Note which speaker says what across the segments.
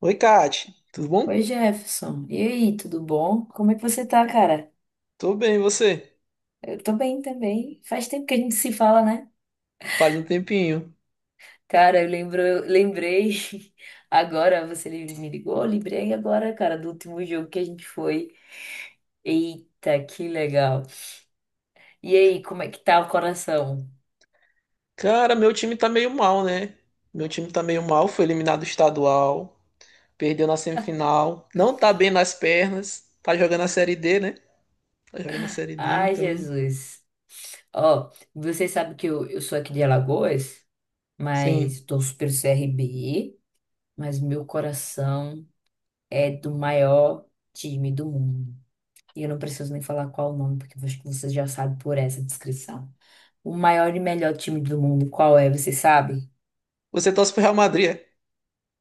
Speaker 1: Oi, Kate, tudo
Speaker 2: Oi,
Speaker 1: bom?
Speaker 2: Jefferson. E aí, tudo bom? Como é que você tá, cara?
Speaker 1: Tô bem, e você?
Speaker 2: Eu tô bem também. Faz tempo que a gente se fala, né?
Speaker 1: Faz um tempinho.
Speaker 2: Cara, eu lembrei agora, você me ligou, eu lembrei agora, cara, do último jogo que a gente foi. Eita, que legal. E aí, como é que tá o coração?
Speaker 1: Cara, meu time tá meio mal, né? Meu time tá meio mal, foi eliminado estadual, perdeu na semifinal, não tá bem nas pernas, tá jogando a Série D, né? Tá jogando a Série D,
Speaker 2: Ai,
Speaker 1: então,
Speaker 2: Jesus. Ó, você sabe que eu sou aqui de Alagoas,
Speaker 1: sim.
Speaker 2: mas tô super CRB, mas meu coração é do maior time do mundo. E eu não preciso nem falar qual o nome, porque eu acho que vocês já sabem por essa descrição. O maior e melhor time do mundo, qual é? Vocês sabem?
Speaker 1: Você torce pro Real Madrid? É?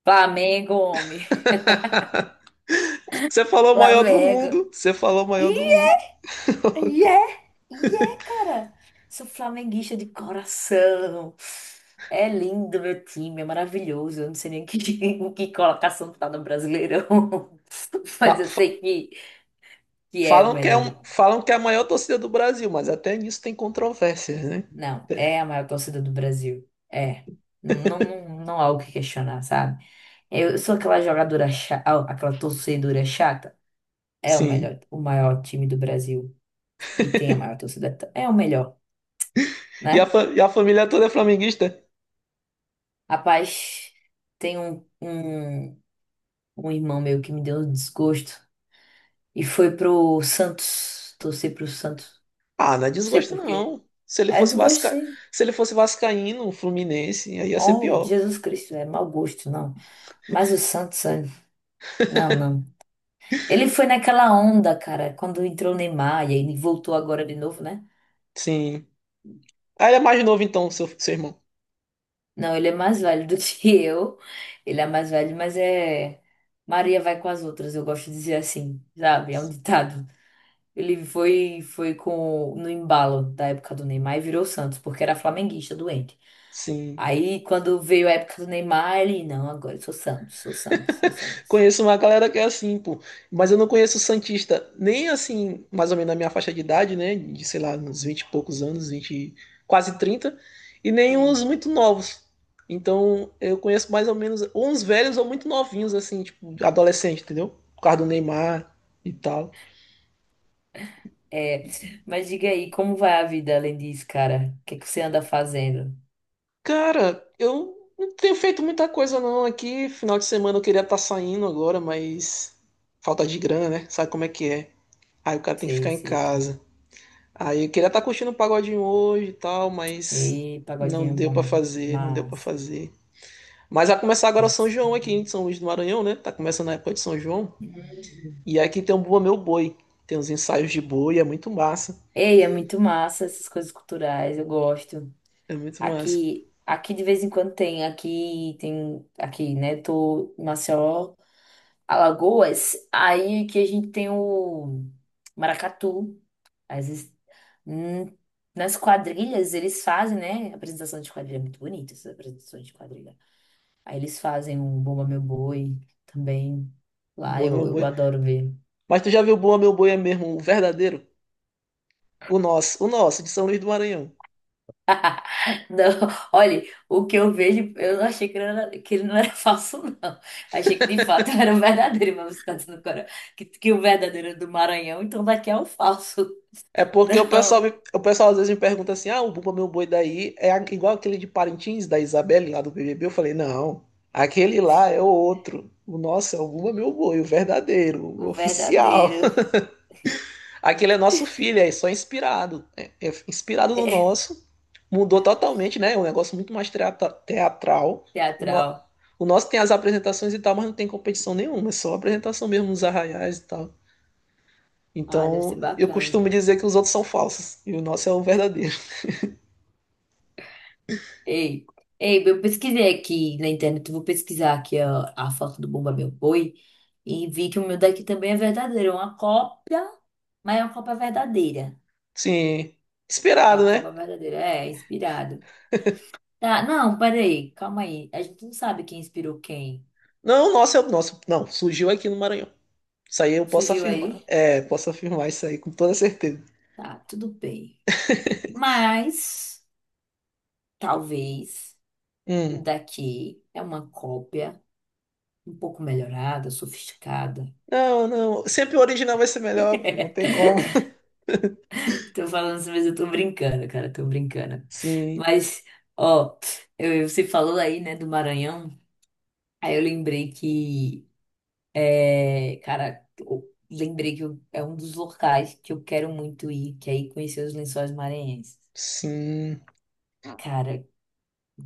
Speaker 2: Flamengo, homem.
Speaker 1: Você falou o maior do
Speaker 2: Flamengo.
Speaker 1: mundo, você falou o maior do
Speaker 2: Ih,
Speaker 1: mundo.
Speaker 2: e é, e é, cara. Sou flamenguista de coração. É lindo meu time, é maravilhoso. Eu não sei nem que, em que colocação tá no Brasileirão, mas
Speaker 1: Fa-
Speaker 2: eu
Speaker 1: fa-
Speaker 2: sei que é o
Speaker 1: Falam que
Speaker 2: melhor do mundo.
Speaker 1: é a maior torcida do Brasil, mas até nisso tem controvérsias, né?
Speaker 2: Não, é a maior torcida do Brasil. É. Não, não, não há o que questionar, sabe? Eu sou aquela jogadora chata, aquela torcedora chata. É o
Speaker 1: Sim.
Speaker 2: melhor, o maior time do Brasil e tem a maior torcida. É o melhor,
Speaker 1: E a,
Speaker 2: né?
Speaker 1: fa- e a família toda é flamenguista?
Speaker 2: Rapaz, tem um irmão meu que me deu um desgosto e foi pro Santos, torcer pro Santos.
Speaker 1: Ah, não é
Speaker 2: Não sei
Speaker 1: desgosto,
Speaker 2: por quê.
Speaker 1: não.
Speaker 2: É desgosto, sim.
Speaker 1: Se ele fosse vascaíno, fluminense, aí ia ser
Speaker 2: Oh,
Speaker 1: pior.
Speaker 2: Jesus Cristo, é mau gosto, não. Mas o Santos, é, não, não. Ele foi naquela onda, cara, quando entrou o Neymar e aí ele voltou agora de novo, né?
Speaker 1: Sim. Ah, ele é mais novo então, seu irmão.
Speaker 2: Não, ele é mais velho do que eu. Ele é mais velho, mas é. Maria vai com as outras, eu gosto de dizer assim, sabe? É um ditado. Ele foi foi com no embalo da época do Neymar e virou Santos, porque era flamenguista doente.
Speaker 1: Sim.
Speaker 2: Aí quando veio a época do Neymar, ele, não, agora eu sou Santos, sou Santos, sou Santos.
Speaker 1: Conheço uma galera que é assim, pô. Mas eu não conheço santista, nem assim, mais ou menos na minha faixa de idade, né? De, sei lá, uns 20 e poucos anos, 20 quase trinta. E nem uns
Speaker 2: Hum.
Speaker 1: muito novos. Então, eu conheço mais ou menos ou uns velhos ou muito novinhos, assim, tipo, adolescente, entendeu? Por causa do Neymar e tal.
Speaker 2: É, mas diga aí, como vai a vida além disso, cara? O que é que você anda fazendo?
Speaker 1: Cara, eu não tenho feito muita coisa não aqui. Final de semana eu queria estar saindo agora, mas falta de grana, né? Sabe como é que é? Aí o cara tem que
Speaker 2: Sei,
Speaker 1: ficar em
Speaker 2: sei, cara.
Speaker 1: casa. Aí eu queria estar curtindo um pagodinho hoje e tal, mas
Speaker 2: Ei,
Speaker 1: não
Speaker 2: pagodinho é
Speaker 1: deu pra
Speaker 2: bom.
Speaker 1: fazer, não deu pra
Speaker 2: Mas.
Speaker 1: fazer. Mas vai começar agora o São João aqui em São Luís do Maranhão, né? Tá começando a época de São João. E aqui tem um Bua Meu Boi. Tem uns ensaios de boi, é muito massa.
Speaker 2: Ei, é muito massa essas coisas culturais, eu gosto.
Speaker 1: É muito massa.
Speaker 2: Aqui, aqui de vez em quando tem, aqui, né? Tô em Maceió, Alagoas, aí que a gente tem o maracatu. Às vezes, hum, nas quadrilhas eles fazem, né? Apresentação de quadrilha, é muito bonita essas apresentações de quadrilha. Aí eles fazem um Bumba Meu Boi também. Lá
Speaker 1: Bua
Speaker 2: eu,
Speaker 1: Meu
Speaker 2: eu
Speaker 1: Boi.
Speaker 2: adoro ver.
Speaker 1: Mas tu já viu o Bua Meu Boi é mesmo o verdadeiro? O nosso, de São Luís do Maranhão.
Speaker 2: Não, olha, o que eu vejo, eu não achei que ele, era, que ele não era falso, não. Achei que de fato era o verdadeiro, mas você está dizendo agora que o verdadeiro é do Maranhão, então daqui é o falso.
Speaker 1: É porque o pessoal,
Speaker 2: Não,
Speaker 1: me- o pessoal às vezes me pergunta assim: ah, o Bumba Meu Boi daí igual aquele de Parintins, da Isabelinha lá do BBB? Eu falei: não, aquele lá é o outro. O nosso é o Bumba Meu Boi, o verdadeiro, o
Speaker 2: o
Speaker 1: oficial.
Speaker 2: verdadeiro.
Speaker 1: Aquele é nosso filho, é só inspirado. É, é inspirado no
Speaker 2: É
Speaker 1: nosso. Mudou totalmente, né? É um negócio muito mais teatral. O, no-
Speaker 2: teatral.
Speaker 1: o nosso tem as apresentações e tal, mas não tem competição nenhuma, é só apresentação mesmo nos arraiais e tal.
Speaker 2: Ah, deve ser
Speaker 1: Então, eu
Speaker 2: bacana.
Speaker 1: costumo dizer que os outros são falsos e o nosso é o verdadeiro.
Speaker 2: Ei, ei, eu pesquisei aqui na internet, eu vou pesquisar aqui a foto do Bumba Meu Boi e vi que o meu daqui também é verdadeiro, é uma cópia, mas é uma cópia verdadeira.
Speaker 1: Sim,
Speaker 2: A
Speaker 1: esperado,
Speaker 2: cópia
Speaker 1: né?
Speaker 2: verdadeira é inspirado. Tá, não, peraí, calma aí. A gente não sabe quem inspirou quem.
Speaker 1: Não, nossa, é nosso. Não, surgiu aqui no Maranhão. Isso aí eu posso
Speaker 2: Surgiu
Speaker 1: afirmar.
Speaker 2: aí?
Speaker 1: É, posso afirmar isso aí com toda certeza.
Speaker 2: Tá, tudo bem. Mas, talvez, o
Speaker 1: Hum.
Speaker 2: daqui é uma cópia um pouco melhorada, sofisticada.
Speaker 1: Não, não. Sempre o original vai ser melhor, pô, não tem como.
Speaker 2: Tô falando isso, mas eu tô brincando, cara, tô brincando.
Speaker 1: Sim,
Speaker 2: Mas, ó, eu, você falou aí, né, do Maranhão. Aí eu lembrei que, é, cara, eu lembrei que eu, é um dos locais que eu quero muito ir, que é ir conhecer os Lençóis Maranhenses.
Speaker 1: sim.
Speaker 2: Cara,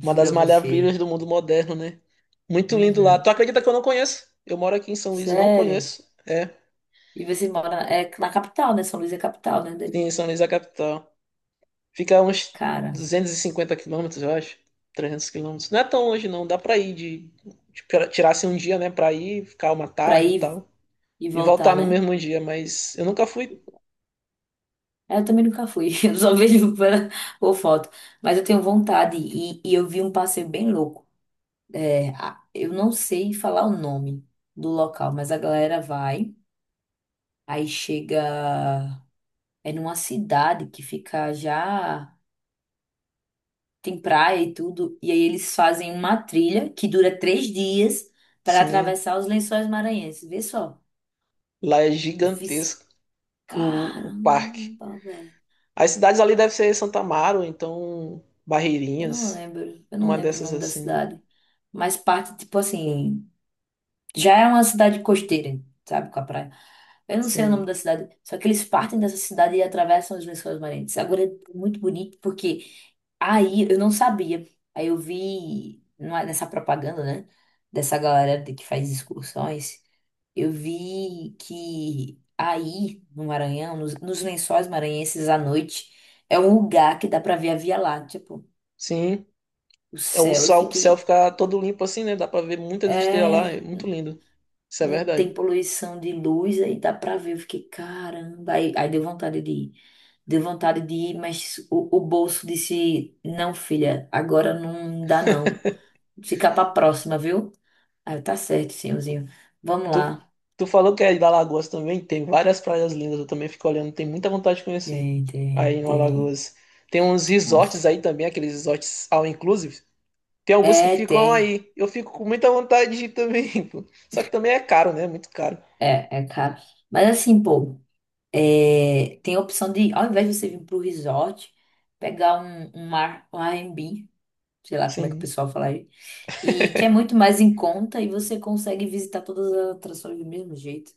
Speaker 1: Uma das
Speaker 2: a
Speaker 1: maravilhas
Speaker 2: você.
Speaker 1: do mundo moderno, né? Muito lindo lá.
Speaker 2: Uhum.
Speaker 1: Tu acredita que eu não conheço? Eu moro aqui em São Luís e não
Speaker 2: Sério?
Speaker 1: conheço. É,
Speaker 2: E você mora na, é, na capital, né? São Luís é capital, né? Daí?
Speaker 1: sim, São Luís é a capital. Fica a uns
Speaker 2: Cara,
Speaker 1: 250 quilômetros, eu acho. 300 quilômetros. Não é tão longe, não. Dá pra ir de. Tipo, se um dia, né, pra ir, ficar uma
Speaker 2: pra
Speaker 1: tarde e
Speaker 2: ir
Speaker 1: tal.
Speaker 2: e
Speaker 1: E voltar
Speaker 2: voltar,
Speaker 1: no
Speaker 2: né?
Speaker 1: mesmo dia. Mas eu nunca fui.
Speaker 2: É, eu também nunca fui, eu só vejo pela, por foto. Mas eu tenho vontade e eu vi um passeio bem louco. É, a, eu não sei falar o nome do local, mas a galera vai, aí chega, é numa cidade que fica já. Tem praia e tudo. E aí eles fazem uma trilha que dura 3 dias para
Speaker 1: Sim,
Speaker 2: atravessar os Lençóis Maranhenses. Vê só.
Speaker 1: lá é
Speaker 2: Eu fiz,
Speaker 1: gigantesco o parque.
Speaker 2: caramba, velho.
Speaker 1: As cidades ali devem ser Santa Amaro, então Barreirinhas,
Speaker 2: Eu não
Speaker 1: uma
Speaker 2: lembro o
Speaker 1: dessas
Speaker 2: nome da
Speaker 1: assim.
Speaker 2: cidade. Mas parte, tipo assim, já é uma cidade costeira, sabe, com a praia. Eu não sei o nome
Speaker 1: Sim,
Speaker 2: da cidade, só que eles partem dessa cidade e atravessam os Lençóis Maranhenses. Agora é muito bonito porque aí eu não sabia. Aí eu vi não é, nessa propaganda, né, dessa galera de, que faz excursões, eu vi que aí no Maranhão, nos Lençóis Maranhenses à noite, é um lugar que dá pra ver a Via Láctea, pô,
Speaker 1: sim.
Speaker 2: o
Speaker 1: É, o
Speaker 2: céu. Eu
Speaker 1: sol, o céu
Speaker 2: fiquei,
Speaker 1: fica todo limpo assim, né? Dá pra ver muitas estrelas lá.
Speaker 2: é.
Speaker 1: É muito lindo. Isso é
Speaker 2: Não tem
Speaker 1: verdade.
Speaker 2: poluição de luz, aí dá pra ver. Eu fiquei, caramba. Aí, aí deu vontade de ir. Deu vontade de ir, mas o bolso disse: não, filha, agora não dá não. Fica pra próxima, viu? Aí eu, tá certo, senhorzinho. Vamos
Speaker 1: Tu,
Speaker 2: lá.
Speaker 1: tu falou que é da Alagoas também, tem várias praias lindas, eu também fico olhando. Tenho muita vontade de conhecer
Speaker 2: Tem, tem,
Speaker 1: aí no
Speaker 2: tem.
Speaker 1: Alagoas. Tem uns resorts
Speaker 2: Nossa.
Speaker 1: aí também, aqueles resorts all inclusive. Tem alguns que
Speaker 2: É,
Speaker 1: ficam
Speaker 2: tem.
Speaker 1: aí. Eu fico com muita vontade de ir também, pô. Só que também é caro, né? Muito caro.
Speaker 2: É, é caro. Mas assim, pô, é, tem a opção de, ao invés de você vir pro resort, pegar um, um ar, um Airbnb, sei lá como é que o
Speaker 1: Sim.
Speaker 2: pessoal fala, e que é muito mais em conta e você consegue visitar todas as atrações do mesmo jeito,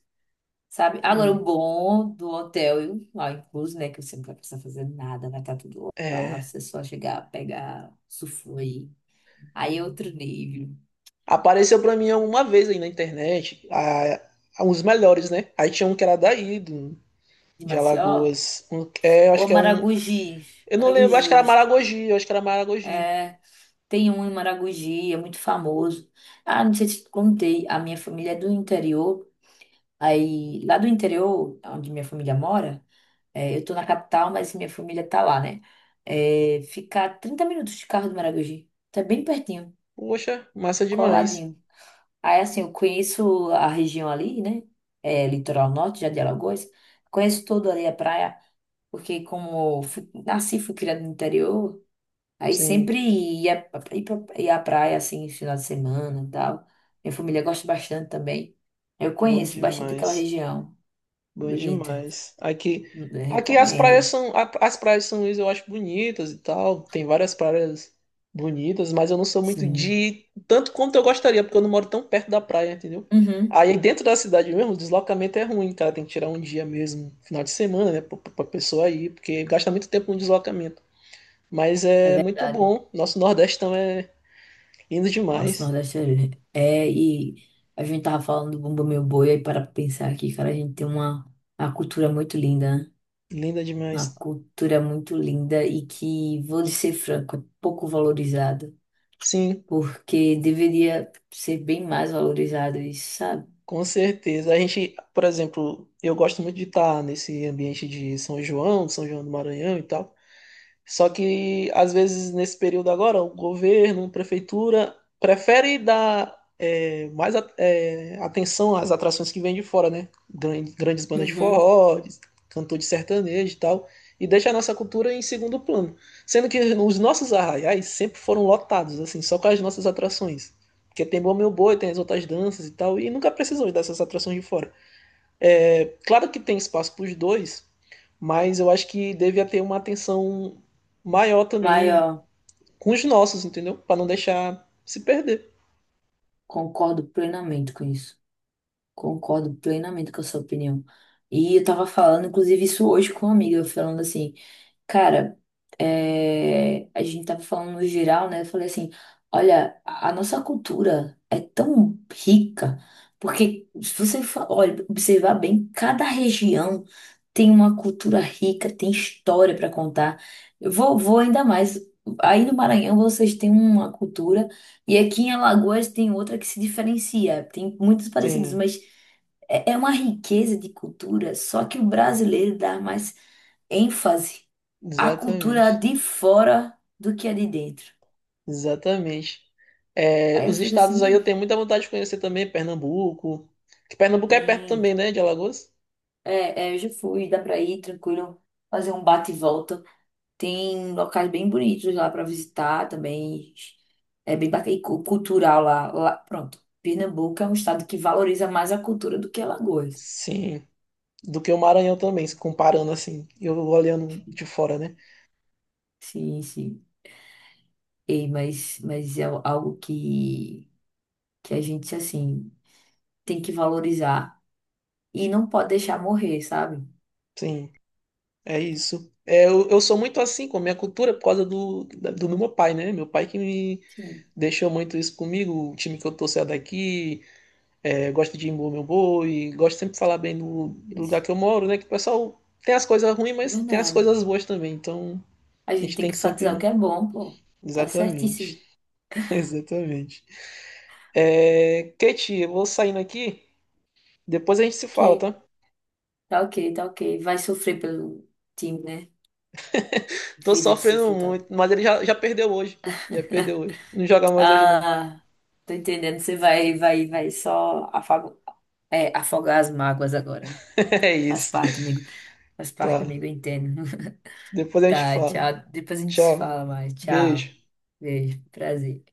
Speaker 2: sabe? Agora, o
Speaker 1: Sim.
Speaker 2: bom do hotel, lá incluso, né, que você não vai precisar fazer nada, vai estar tudo lá,
Speaker 1: É.
Speaker 2: você só chegar, pegar, usufruir. Aí é outro nível.
Speaker 1: Apareceu pra mim uma vez aí na internet, os melhores, né? Aí tinha um que era daí,
Speaker 2: De
Speaker 1: de
Speaker 2: Maceió,
Speaker 1: Alagoas. Um, é, eu acho
Speaker 2: ou
Speaker 1: que é um.
Speaker 2: Maragogi.
Speaker 1: Eu não lembro,
Speaker 2: Maragogi,
Speaker 1: acho que
Speaker 2: eu
Speaker 1: era
Speaker 2: acho que
Speaker 1: Maragogi, eu acho que era Maragogi.
Speaker 2: é, tem um em Maragogi, é muito famoso. Ah, não sei se te contei, a minha família é do interior, aí lá do interior, onde minha família mora, é, eu tô na capital, mas minha família tá lá, né? É, fica a 30 minutos de carro do Maragogi. Tá bem pertinho,
Speaker 1: Poxa, massa demais.
Speaker 2: coladinho. Aí, assim, eu conheço a região ali, né? É, litoral norte, já de Alagoas. Conheço todo ali a praia, porque como fui, nasci, fui criada no interior, aí
Speaker 1: Sim,
Speaker 2: sempre ia, ia pra ia à praia, assim, final de semana e tal. Minha família gosta bastante também. Eu
Speaker 1: bom
Speaker 2: conheço bastante aquela
Speaker 1: demais.
Speaker 2: região.
Speaker 1: Bom
Speaker 2: Bonito.
Speaker 1: demais. Aqui,
Speaker 2: Eu
Speaker 1: aqui as praias
Speaker 2: recomendo.
Speaker 1: são, as praias de São Luís eu acho bonitas e tal. Tem várias praias bonitas, mas eu não sou muito de
Speaker 2: Sim.
Speaker 1: ir tanto quanto eu gostaria, porque eu não moro tão perto da praia, entendeu?
Speaker 2: Uhum.
Speaker 1: Aí dentro da cidade mesmo, o deslocamento é ruim, cara. Tem que tirar um dia mesmo, final de semana, né, pra pessoa ir, porque gasta muito tempo no deslocamento. Mas
Speaker 2: É
Speaker 1: é muito
Speaker 2: verdade.
Speaker 1: bom. Nosso Nordeste também é lindo
Speaker 2: Nossa, o
Speaker 1: demais.
Speaker 2: Nordeste é, é. E a gente tava falando do Bumba Meu Boi, aí para pra pensar aqui, cara, a gente tem uma cultura muito linda, né?
Speaker 1: Linda
Speaker 2: Uma
Speaker 1: demais.
Speaker 2: cultura muito linda e que, vou lhe ser franco, é pouco valorizada,
Speaker 1: Sim.
Speaker 2: porque deveria ser bem mais valorizada, isso, sabe?
Speaker 1: Com certeza. A gente, por exemplo, eu gosto muito de estar nesse ambiente de São João, São João do Maranhão e tal. Só que, às vezes, nesse período agora, o governo, a prefeitura, prefere dar mais atenção às atrações que vêm de fora, né? Grandes bandas de
Speaker 2: Uhum.
Speaker 1: forró, cantor de sertanejo e tal, e deixa a nossa cultura em segundo plano. Sendo que os nossos arraiais sempre foram lotados, assim, só com as nossas atrações. Porque tem Bom Meu Boi, tem as outras danças e tal, e nunca precisou dessas atrações de fora. É, claro que tem espaço para os dois, mas eu acho que devia ter uma atenção maior
Speaker 2: Mas,
Speaker 1: também
Speaker 2: ó,
Speaker 1: com os nossos, entendeu? Para não deixar se perder.
Speaker 2: concordo plenamente com isso. Concordo plenamente com a sua opinião. E eu tava falando, inclusive, isso hoje com uma amiga, falando assim, cara, é, a gente tava falando no geral, né? Eu falei assim, olha, a nossa cultura é tão rica, porque se você fa, olha, observar bem, cada região tem uma cultura rica, tem história para contar. Eu vou ainda mais. Aí no Maranhão vocês têm uma cultura. E aqui em Alagoas tem outra que se diferencia. Tem muitos parecidos,
Speaker 1: Sim,
Speaker 2: mas é uma riqueza de cultura, só que o brasileiro dá mais ênfase à cultura
Speaker 1: exatamente.
Speaker 2: de fora do que a de dentro.
Speaker 1: Exatamente. É,
Speaker 2: Aí eu
Speaker 1: os
Speaker 2: fico assim,
Speaker 1: estados aí eu
Speaker 2: meio.
Speaker 1: tenho muita vontade de conhecer também, Pernambuco. Que Pernambuco é perto
Speaker 2: Sim,
Speaker 1: também, né, de Alagoas?
Speaker 2: é, é, eu já fui, dá pra ir tranquilo, fazer um bate e volta. Tem locais bem bonitos lá pra visitar também. É bem bacana, e cu, cultural lá, lá. Pronto, Pernambuco é um estado que valoriza mais a cultura do que Alagoas.
Speaker 1: Sim. Do que o Maranhão também, se comparando assim, eu olhando de fora, né?
Speaker 2: Sim, sim. E, mas é algo que a gente, assim, tem que valorizar e não pode deixar morrer, sabe?
Speaker 1: Sim, é isso. É, eu sou muito assim com a minha cultura por causa do meu pai, né? Meu pai que me
Speaker 2: Sim,
Speaker 1: deixou muito isso comigo, o time que eu torço é daqui, é, gosto de impor meu boi, gosto sempre de falar bem do lugar
Speaker 2: isso.
Speaker 1: que eu moro, né? Que o pessoal tem as coisas ruins,
Speaker 2: É
Speaker 1: mas tem as
Speaker 2: verdade.
Speaker 1: coisas boas também, então
Speaker 2: A
Speaker 1: a
Speaker 2: gente
Speaker 1: gente
Speaker 2: tem
Speaker 1: tem
Speaker 2: que
Speaker 1: que
Speaker 2: enfatizar o
Speaker 1: sempre.
Speaker 2: que é bom, pô. Tá
Speaker 1: Exatamente,
Speaker 2: certíssimo.
Speaker 1: exatamente. É, Kate, eu vou saindo aqui, depois a gente se
Speaker 2: Ok,
Speaker 1: fala, tá?
Speaker 2: tá ok, tá ok. Vai sofrer pelo time, né?
Speaker 1: Tô
Speaker 2: Vida de
Speaker 1: sofrendo
Speaker 2: sofredor.
Speaker 1: muito, mas ele já perdeu hoje. Já perdeu hoje. Não joga mais hoje, não.
Speaker 2: Ah, tô entendendo. Você vai só afago, é, afogar as mágoas agora.
Speaker 1: É
Speaker 2: Faz
Speaker 1: isso.
Speaker 2: parte, amigo. Faz parte,
Speaker 1: Tá.
Speaker 2: amigo, eu entendo.
Speaker 1: Depois a gente
Speaker 2: Tá,
Speaker 1: fala.
Speaker 2: tchau. Depois a gente se
Speaker 1: Tchau.
Speaker 2: fala mais. Tchau.
Speaker 1: Beijo.
Speaker 2: Beijo, prazer.